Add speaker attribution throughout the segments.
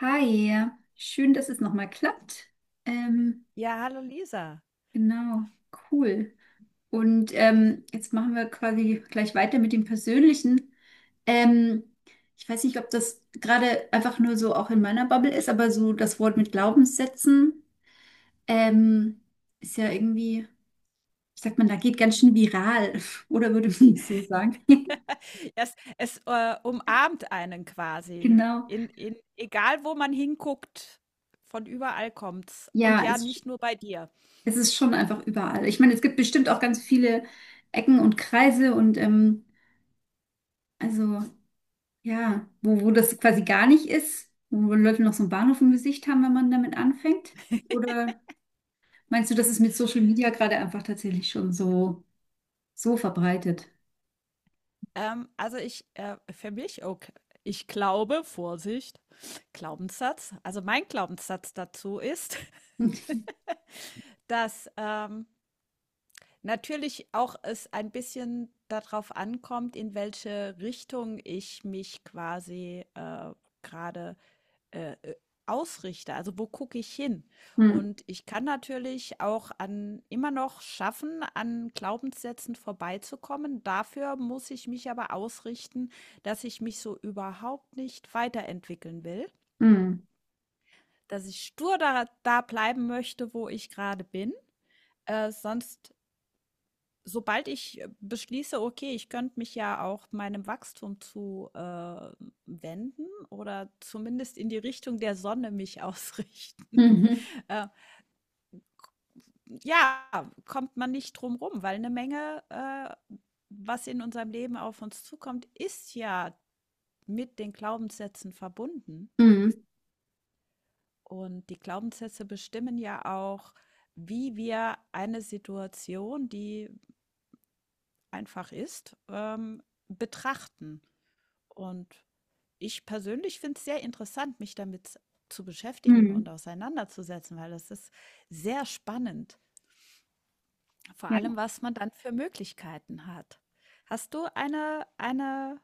Speaker 1: Hi, schön, dass es nochmal klappt. Ähm,
Speaker 2: Ja, hallo Lisa.
Speaker 1: genau, cool. Und jetzt machen wir quasi gleich weiter mit dem Persönlichen. Ähm, ich weiß nicht, ob das gerade einfach nur so auch in meiner Bubble ist, aber so das Wort mit Glaubenssätzen ähm, ist ja irgendwie, wie sagt man, da geht ganz schön viral, oder würde man so sagen?
Speaker 2: Es umarmt einen quasi.
Speaker 1: Genau.
Speaker 2: In egal wo man hinguckt, von überall kommt's. Und
Speaker 1: Ja,
Speaker 2: ja,
Speaker 1: es,
Speaker 2: nicht nur bei dir.
Speaker 1: es ist schon einfach überall. Ich meine, es gibt bestimmt auch ganz viele Ecken und Kreise und also. Ja, wo das quasi gar nicht ist, wo Leute noch so einen Bahnhof im Gesicht haben, wenn man damit anfängt? Oder meinst du, das ist mit Social Media gerade einfach tatsächlich schon so verbreitet?
Speaker 2: Also ich, für mich, okay, ich glaube, Vorsicht, Glaubenssatz, also mein Glaubenssatz dazu ist, dass natürlich auch es ein bisschen darauf ankommt, in welche Richtung ich mich quasi gerade äh, äh, ausrichte. Also wo gucke ich hin?
Speaker 1: Hm,
Speaker 2: Und ich kann natürlich auch an immer noch schaffen, an Glaubenssätzen vorbeizukommen. Dafür muss ich mich aber ausrichten, dass ich mich so überhaupt nicht weiterentwickeln will,
Speaker 1: hm,
Speaker 2: dass ich stur da bleiben möchte, wo ich gerade bin. Äh, sonst, Sobald ich beschließe, okay, ich könnte mich ja auch meinem Wachstum zu wenden oder zumindest in die Richtung der Sonne mich ausrichten.
Speaker 1: mhm,
Speaker 2: Äh, ja, kommt man nicht drum rum, weil eine Menge, was in unserem Leben auf uns zukommt, ist ja mit den Glaubenssätzen verbunden.
Speaker 1: hm,
Speaker 2: Und die Glaubenssätze bestimmen ja auch, wie wir eine Situation, die einfach ist, betrachten. Und ich persönlich finde es sehr interessant, mich damit zu beschäftigen und
Speaker 1: hm,
Speaker 2: auseinanderzusetzen, weil das ist sehr spannend. Vor allem,
Speaker 1: ja.
Speaker 2: was man dann für Möglichkeiten hat. Hast du eine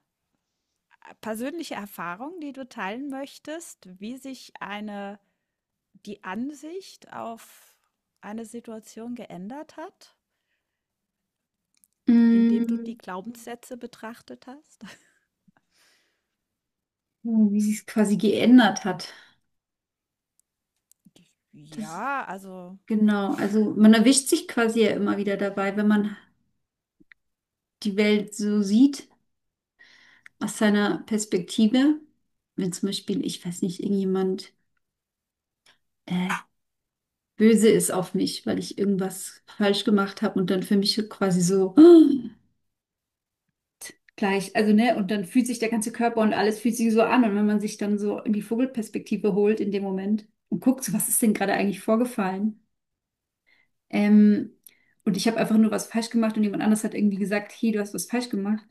Speaker 2: persönliche Erfahrung, die du teilen möchtest, wie sich eine die Ansicht auf eine Situation geändert hat, indem du die
Speaker 1: Hm,
Speaker 2: Glaubenssätze betrachtet hast?
Speaker 1: ja, wie sie es quasi geändert hat. Das,
Speaker 2: Ja, also.
Speaker 1: genau, also man erwischt sich quasi ja immer wieder dabei, wenn man die Welt so sieht aus seiner Perspektive. Wenn zum Beispiel, ich weiß nicht, irgendjemand. äh, böse ist auf mich, weil ich irgendwas falsch gemacht habe und dann für mich quasi so "Ah", gleich, also ne, und dann fühlt sich der ganze
Speaker 2: Mhm.
Speaker 1: Körper und alles fühlt sich so an und wenn man sich dann so in die Vogelperspektive holt in dem Moment und guckt, so, was ist denn gerade eigentlich vorgefallen? Ähm, und ich habe einfach nur was falsch gemacht und jemand anders hat irgendwie gesagt, hey, du hast was falsch gemacht.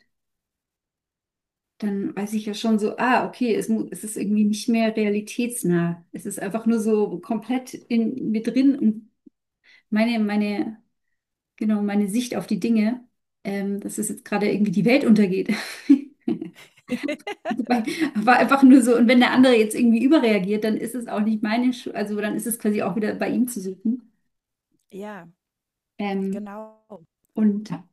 Speaker 1: Dann weiß ich ja schon so, ah, okay, es ist irgendwie nicht mehr realitätsnah. Es ist einfach nur so komplett in mir drin und meine, meine genau, meine Sicht auf die Dinge, dass es jetzt gerade irgendwie die Welt untergeht. Wobei, war einfach nur so, und wenn der andere jetzt irgendwie überreagiert, dann ist es auch nicht meine Schuld, also dann ist es quasi auch wieder bei ihm zu suchen.
Speaker 2: Ja,
Speaker 1: Ähm,
Speaker 2: genau.
Speaker 1: und ja.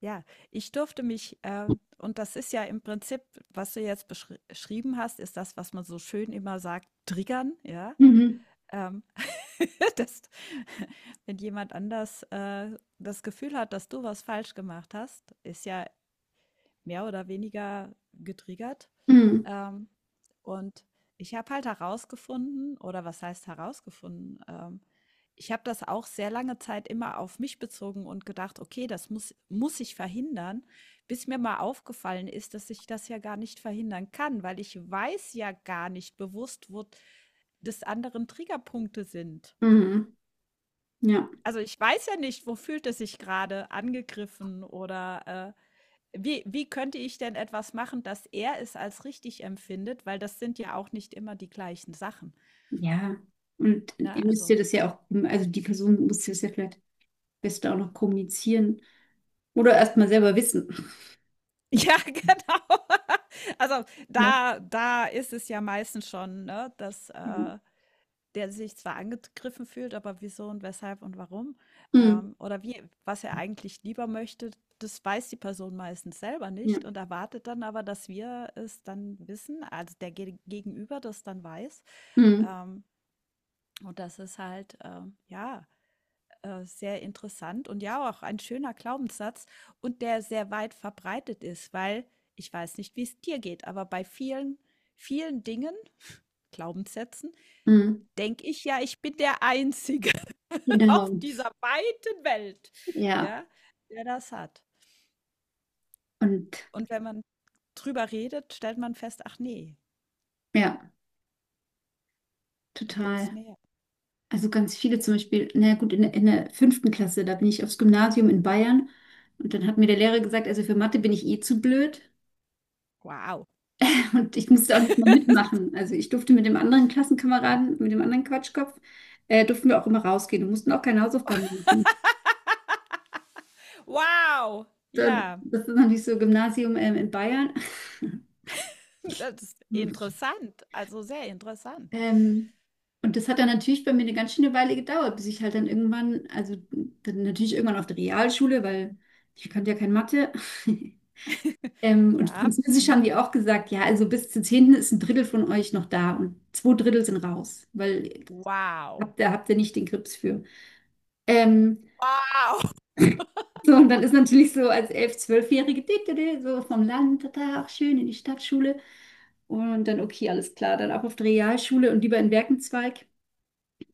Speaker 2: Ja, ich durfte mich und das ist ja im Prinzip, was du jetzt beschri schrieben hast, ist das, was man so schön immer sagt, triggern, ja?
Speaker 1: Mhm,
Speaker 2: Ähm, Dass wenn jemand anders das Gefühl hat, dass du was falsch gemacht hast, ist ja mehr oder weniger getriggert.
Speaker 1: mhm,
Speaker 2: Ähm, und ich habe halt herausgefunden, oder was heißt herausgefunden? Ich habe das auch sehr lange Zeit immer auf mich bezogen und gedacht, okay, das muss, ich verhindern, bis mir mal aufgefallen ist, dass ich das ja gar nicht verhindern kann, weil ich weiß ja gar nicht bewusst, wo des anderen Triggerpunkte sind.
Speaker 1: mhm, ja,
Speaker 2: Also, ich weiß ja nicht, wo fühlt es sich gerade angegriffen oder, wie könnte ich denn etwas machen, dass er es als richtig empfindet, weil das sind ja auch nicht immer die gleichen Sachen,
Speaker 1: ja. Und
Speaker 2: ne?
Speaker 1: ihr müsst ihr
Speaker 2: Also
Speaker 1: das ja auch, also die Person muss das ja vielleicht best auch noch kommunizieren oder erstmal selber wissen.
Speaker 2: ja, genau. Also,
Speaker 1: Ne?
Speaker 2: da ist es ja meistens schon, ne, dass,
Speaker 1: Ja.
Speaker 2: äh der sich zwar angegriffen fühlt, aber wieso und weshalb und warum,
Speaker 1: Mhm,
Speaker 2: oder wie was er eigentlich lieber möchte, das weiß die Person meistens selber
Speaker 1: ja.
Speaker 2: nicht und erwartet dann aber, dass wir es dann wissen, also der Ge Gegenüber das dann weiß.
Speaker 1: Mhm,
Speaker 2: Ähm, und das ist halt, sehr interessant und ja, auch ein schöner Glaubenssatz und der sehr weit verbreitet ist, weil ich weiß nicht, wie es dir geht, aber bei vielen, vielen Dingen, Glaubenssätzen,
Speaker 1: mhm,
Speaker 2: denke ich ja, ich bin der Einzige. Auf
Speaker 1: genau.
Speaker 2: dieser weiten Welt,
Speaker 1: Ja,
Speaker 2: ja, der das hat.
Speaker 1: und
Speaker 2: Und wenn man drüber redet, stellt man fest, ach nee,
Speaker 1: ja,
Speaker 2: da gibt's
Speaker 1: total.
Speaker 2: mehr.
Speaker 1: Also ganz viele zum Beispiel, na ja, gut, in der fünften Klasse, da bin ich aufs Gymnasium in Bayern und dann hat mir der Lehrer gesagt, also für Mathe bin ich eh zu blöd
Speaker 2: Wow.
Speaker 1: und ich musste auch nicht mal mitmachen. Also ich durfte mit dem anderen Klassenkameraden, mit dem anderen Quatschkopf, durften wir auch immer rausgehen und mussten auch keine Hausaufgaben machen.
Speaker 2: Wow.
Speaker 1: So.
Speaker 2: Ja,
Speaker 1: Das ist natürlich so Gymnasium in Bayern.
Speaker 2: das ist interessant. Also sehr interessant.
Speaker 1: Ähm, und das hat dann natürlich bei mir eine ganz schöne Weile gedauert, bis ich halt dann irgendwann, also dann natürlich irgendwann auf der Realschule, weil ich kannte ja kein Mathe. Und
Speaker 2: Ja.
Speaker 1: Französisch haben
Speaker 2: Mhm.
Speaker 1: die auch gesagt, ja, also bis zu Zehnten ist ein Drittel von euch noch da und zwei Drittel sind raus, weil
Speaker 2: Wow.
Speaker 1: habt ihr nicht den Grips für. Ähm,
Speaker 2: Wow.
Speaker 1: so, und dann ist natürlich so als Elf-, Zwölfjährige, dit, dit, dit, so vom Land, da, auch schön in die Stadtschule. Und dann, okay, alles klar, dann ab auf die Realschule und lieber in Werkenzweig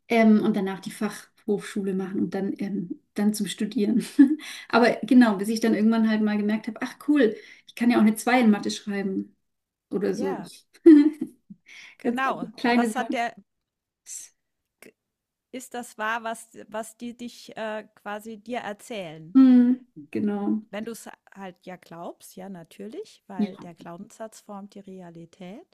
Speaker 1: und danach die Fachhochschule machen und dann zum Studieren. Aber genau, bis ich dann irgendwann halt mal gemerkt habe, ach cool, ich kann ja auch eine Zwei in Mathe schreiben oder so.
Speaker 2: Ja,
Speaker 1: Ganz
Speaker 2: genau.
Speaker 1: einfach kleine
Speaker 2: Was hat
Speaker 1: Sachen.
Speaker 2: der, ist das wahr, was, was die dich quasi dir erzählen?
Speaker 1: Hm, genau.
Speaker 2: Wenn du es halt ja glaubst, ja, natürlich,
Speaker 1: Ja.
Speaker 2: weil der Glaubenssatz formt die Realität.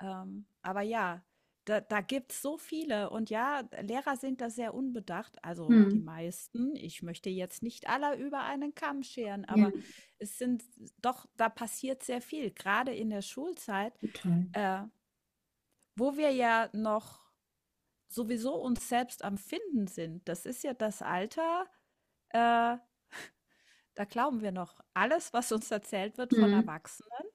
Speaker 2: Aber ja, da gibt es so viele. Und ja, Lehrer sind da sehr unbedacht, also die
Speaker 1: Hm,
Speaker 2: meisten. Ich möchte jetzt nicht aller über einen Kamm scheren,
Speaker 1: ja,
Speaker 2: aber es sind doch, da passiert sehr viel, gerade in der Schulzeit,
Speaker 1: total.
Speaker 2: äh, wo wir ja noch sowieso uns selbst am Finden sind. Das ist ja das Alter, äh, da glauben wir noch alles, was uns erzählt wird von
Speaker 1: Hm,
Speaker 2: Erwachsenen.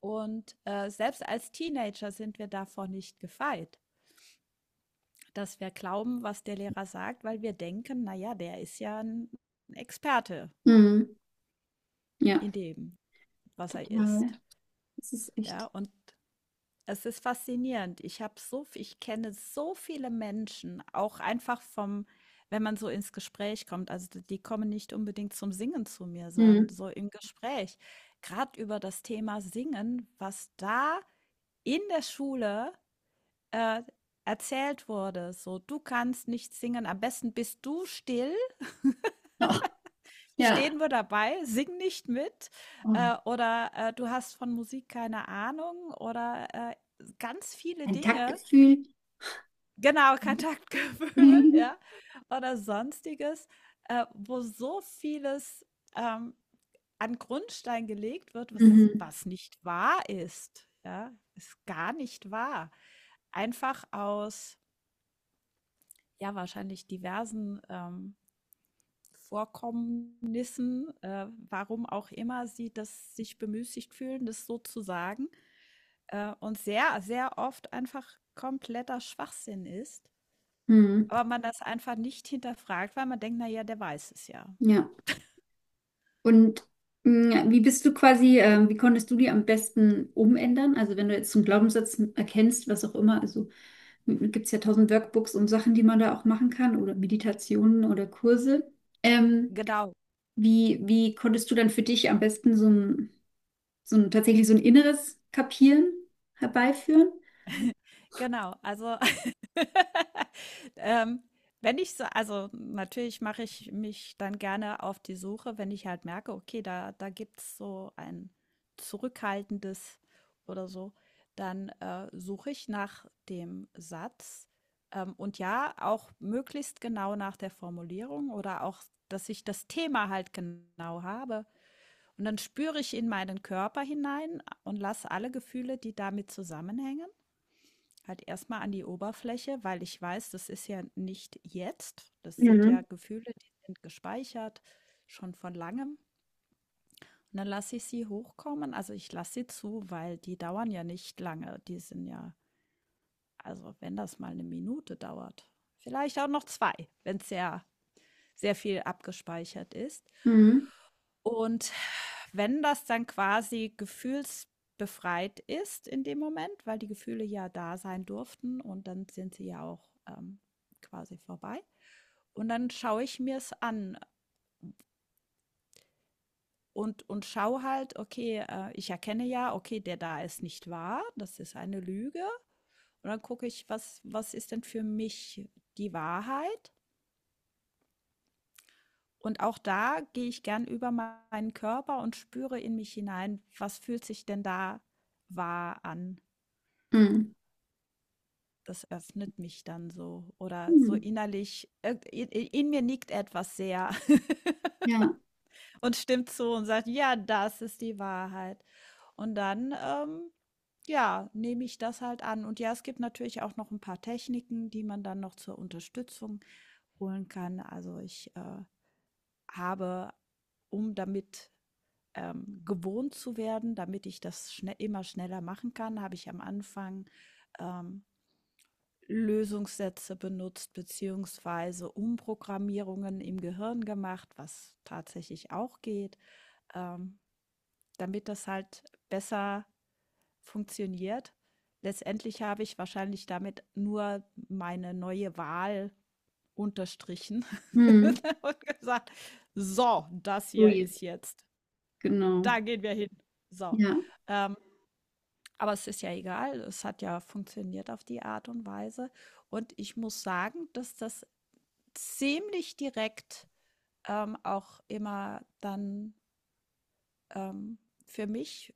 Speaker 2: Und selbst als Teenager sind wir davor nicht gefeit, dass wir glauben, was der Lehrer sagt, weil wir denken, naja, der ist ja ein Experte
Speaker 1: hm. Ja.
Speaker 2: in dem, was er
Speaker 1: Total.
Speaker 2: ist.
Speaker 1: Das ist
Speaker 2: Ja,
Speaker 1: echt.
Speaker 2: und es ist faszinierend. Ich kenne so viele Menschen, auch einfach vom wenn man so ins Gespräch kommt. Also, d die kommen nicht unbedingt zum Singen zu mir, sondern
Speaker 1: Hm.
Speaker 2: so im Gespräch. Gerade über das Thema Singen, was da in der Schule, äh, erzählt wurde, so: „Du kannst nicht singen, am besten bist du still,
Speaker 1: Ach,
Speaker 2: stehen
Speaker 1: ja.
Speaker 2: wir dabei, sing nicht mit“,
Speaker 1: Oh,
Speaker 2: oder: „Du hast von Musik keine Ahnung“ oder, ganz viele
Speaker 1: ein
Speaker 2: Dinge.
Speaker 1: Taktgefühl.
Speaker 2: Genau, Kontaktgefühl, ja, oder Sonstiges, wo so vieles, ähm, an Grundstein gelegt wird, was
Speaker 1: Mhm.
Speaker 2: was nicht wahr ist, ja? Ist gar nicht wahr. Einfach aus, ja, wahrscheinlich diversen, Vorkommnissen, warum auch immer sie das sich bemüßigt fühlen, das so zu sagen, und sehr, sehr oft einfach kompletter Schwachsinn ist.
Speaker 1: Mhm.
Speaker 2: Aber man das einfach nicht hinterfragt, weil man denkt, na ja, der weiß es ja.
Speaker 1: Ja. Und wie bist du quasi, wie konntest du die am besten umändern? Also wenn du jetzt einen Glaubenssatz erkennst, was auch immer, also gibt es ja tausend Workbooks und Sachen, die man da auch machen kann oder Meditationen oder Kurse. Ähm,
Speaker 2: Genau,
Speaker 1: wie konntest du dann für dich am besten so ein tatsächlich so ein inneres Kapieren herbeiführen?
Speaker 2: genau. Also, ähm, wenn ich so, also natürlich mache ich mich dann gerne auf die Suche, wenn ich halt merke, okay, da gibt es so ein zurückhaltendes oder so, dann suche ich nach dem Satz, und ja, auch möglichst genau nach der Formulierung oder auch, dass ich das Thema halt genau habe. Und dann spüre ich in meinen Körper hinein und lasse alle Gefühle, die damit zusammenhängen, halt erstmal an die Oberfläche, weil ich weiß, das ist ja nicht jetzt. Das sind ja
Speaker 1: Mhm.
Speaker 2: Gefühle, die sind gespeichert, schon von langem. Und dann lasse ich sie hochkommen. Also ich lasse sie zu, weil die dauern ja nicht lange. Die sind ja, also wenn das mal eine Minute dauert, vielleicht auch noch zwei, wenn es sehr, sehr viel abgespeichert ist.
Speaker 1: Mhm.
Speaker 2: Und wenn das dann quasi gefühlsbefreit ist in dem Moment, weil die Gefühle ja da sein durften und dann sind sie ja auch quasi vorbei. Und dann schaue ich mir es an und schaue halt, okay, ich erkenne ja, okay, der da ist nicht wahr, das ist eine Lüge. Und dann gucke ich, was ist denn für mich die Wahrheit? Und auch da gehe ich gern über meinen Körper und spüre in mich hinein, was fühlt sich denn da wahr an?
Speaker 1: Mhm.
Speaker 2: Das öffnet mich dann so oder so
Speaker 1: Mhm.
Speaker 2: innerlich, in mir nickt etwas sehr
Speaker 1: Ja.
Speaker 2: und stimmt zu und sagt, ja, das ist die Wahrheit. Und dann, ja, nehme ich das halt an. Und ja, es gibt natürlich auch noch ein paar Techniken, die man dann noch zur Unterstützung holen kann. Also ich habe, um damit gewohnt zu werden, damit ich das schnell, immer schneller machen kann, habe ich am Anfang ähm, Lösungssätze benutzt, beziehungsweise Umprogrammierungen im Gehirn gemacht, was tatsächlich auch geht, ähm, damit das halt besser funktioniert. Letztendlich habe ich wahrscheinlich damit nur meine neue Wahl unterstrichen
Speaker 1: Mhm.
Speaker 2: und gesagt, so, das
Speaker 1: So
Speaker 2: hier
Speaker 1: jetzt.
Speaker 2: ist jetzt,
Speaker 1: Genau.
Speaker 2: da gehen wir hin. So.
Speaker 1: Ja.
Speaker 2: Ähm, aber es ist ja egal, es hat ja funktioniert auf die Art und Weise. Und ich muss sagen, dass das ziemlich direkt, auch immer dann, ähm, für mich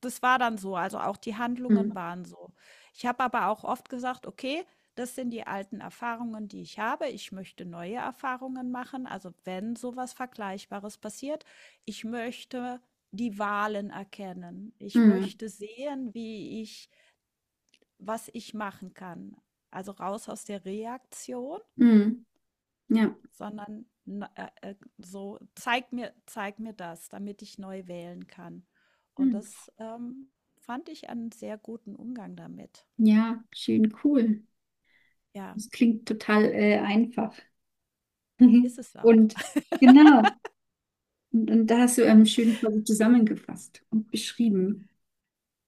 Speaker 2: das war dann so, also auch die Handlungen
Speaker 1: Mhm.
Speaker 2: waren so. Ich habe aber auch oft gesagt: „Okay, das sind die alten Erfahrungen, die ich habe. Ich möchte neue Erfahrungen machen. Also, wenn sowas Vergleichbares passiert, ich möchte die Wahlen erkennen. Ich
Speaker 1: Mhm.
Speaker 2: möchte sehen, wie ich was ich machen kann.“ Also, raus aus der Reaktion,
Speaker 1: Mhm. Ja.
Speaker 2: sondern so, zeig mir das, damit ich neu wählen kann. Und
Speaker 1: Mhm.
Speaker 2: das fand ich einen sehr guten Umgang damit.
Speaker 1: Ja, schön cool.
Speaker 2: Ja,
Speaker 1: Das klingt total einfach.
Speaker 2: ist es auch.
Speaker 1: Und genau. Und da hast du schön quasi zusammengefasst und beschrieben.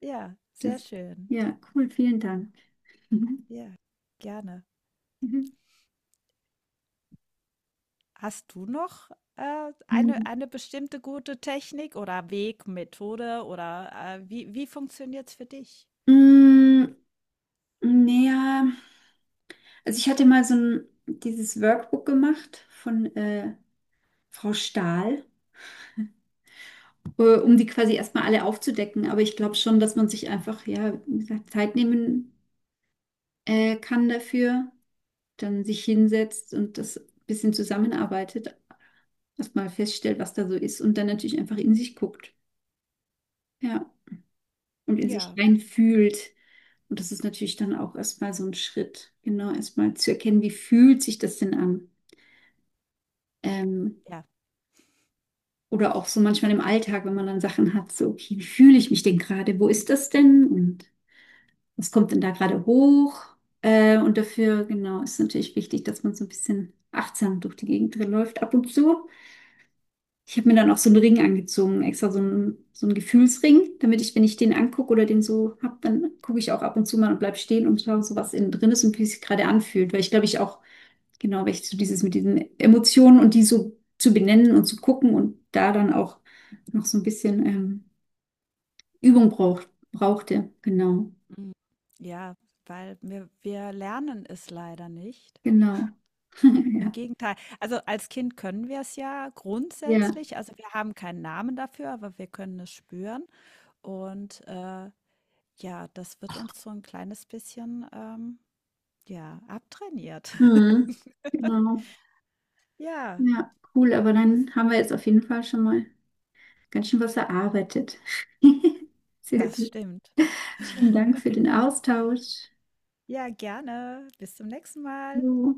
Speaker 2: Ja,
Speaker 1: Das,
Speaker 2: sehr schön.
Speaker 1: ja, cool, vielen Dank.
Speaker 2: Ja, gerne.
Speaker 1: Mhm.
Speaker 2: Hast du noch eine,
Speaker 1: Mhm.
Speaker 2: eine bestimmte gute Technik oder Weg, Methode oder wie, wie funktioniert es für dich?
Speaker 1: Mm, Naja, also ich hatte mal dieses Workbook gemacht von Frau Stahl, um die quasi erstmal alle aufzudecken. Aber ich glaube schon, dass man sich einfach, ja, wie gesagt, Zeit nehmen kann dafür, dann sich hinsetzt und das ein bisschen zusammenarbeitet, erstmal feststellt, was da so ist und dann natürlich einfach in sich guckt, ja, und in sich
Speaker 2: Ja,
Speaker 1: reinfühlt. Und das ist natürlich dann auch erstmal so ein Schritt, genau, erstmal zu erkennen, wie fühlt sich das denn an? Ähm,
Speaker 2: ja.
Speaker 1: Oder auch so manchmal im Alltag, wenn man dann Sachen hat, so, okay, wie fühle ich mich denn gerade? Wo ist das denn? Und was kommt denn da gerade hoch? Und dafür, genau, ist natürlich wichtig, dass man so ein bisschen achtsam durch die Gegend läuft ab und zu. Ich habe mir dann auch so einen Ring angezogen, extra so einen Gefühlsring, damit ich, wenn ich den angucke oder den so habe, dann gucke ich auch ab und zu mal und bleib stehen und schaue so, was innen drin ist und wie es sich gerade anfühlt. Weil ich glaube, ich auch. Genau, richtig, so dieses mit diesen Emotionen und die so zu benennen und zu gucken und da dann auch noch so ein bisschen Übung braucht, brauchte. Genau,
Speaker 2: Mm, ja, weil wir lernen es leider nicht.
Speaker 1: genau.
Speaker 2: Im
Speaker 1: Ja,
Speaker 2: Gegenteil. Also, als Kind können wir es ja
Speaker 1: ja,
Speaker 2: grundsätzlich. Also, wir haben keinen Namen dafür, aber wir können es spüren. Und, ja, das wird uns so ein kleines bisschen, ja, abtrainiert.
Speaker 1: mhm. Genau.
Speaker 2: Ja,
Speaker 1: Ja, cool, aber dann haben wir jetzt auf jeden Fall schon mal ganz schön was erarbeitet. Sehr
Speaker 2: das
Speaker 1: gut.
Speaker 2: stimmt.
Speaker 1: Vielen Dank für den Austausch.
Speaker 2: Ja, gerne. Bis zum nächsten Mal.
Speaker 1: Jo.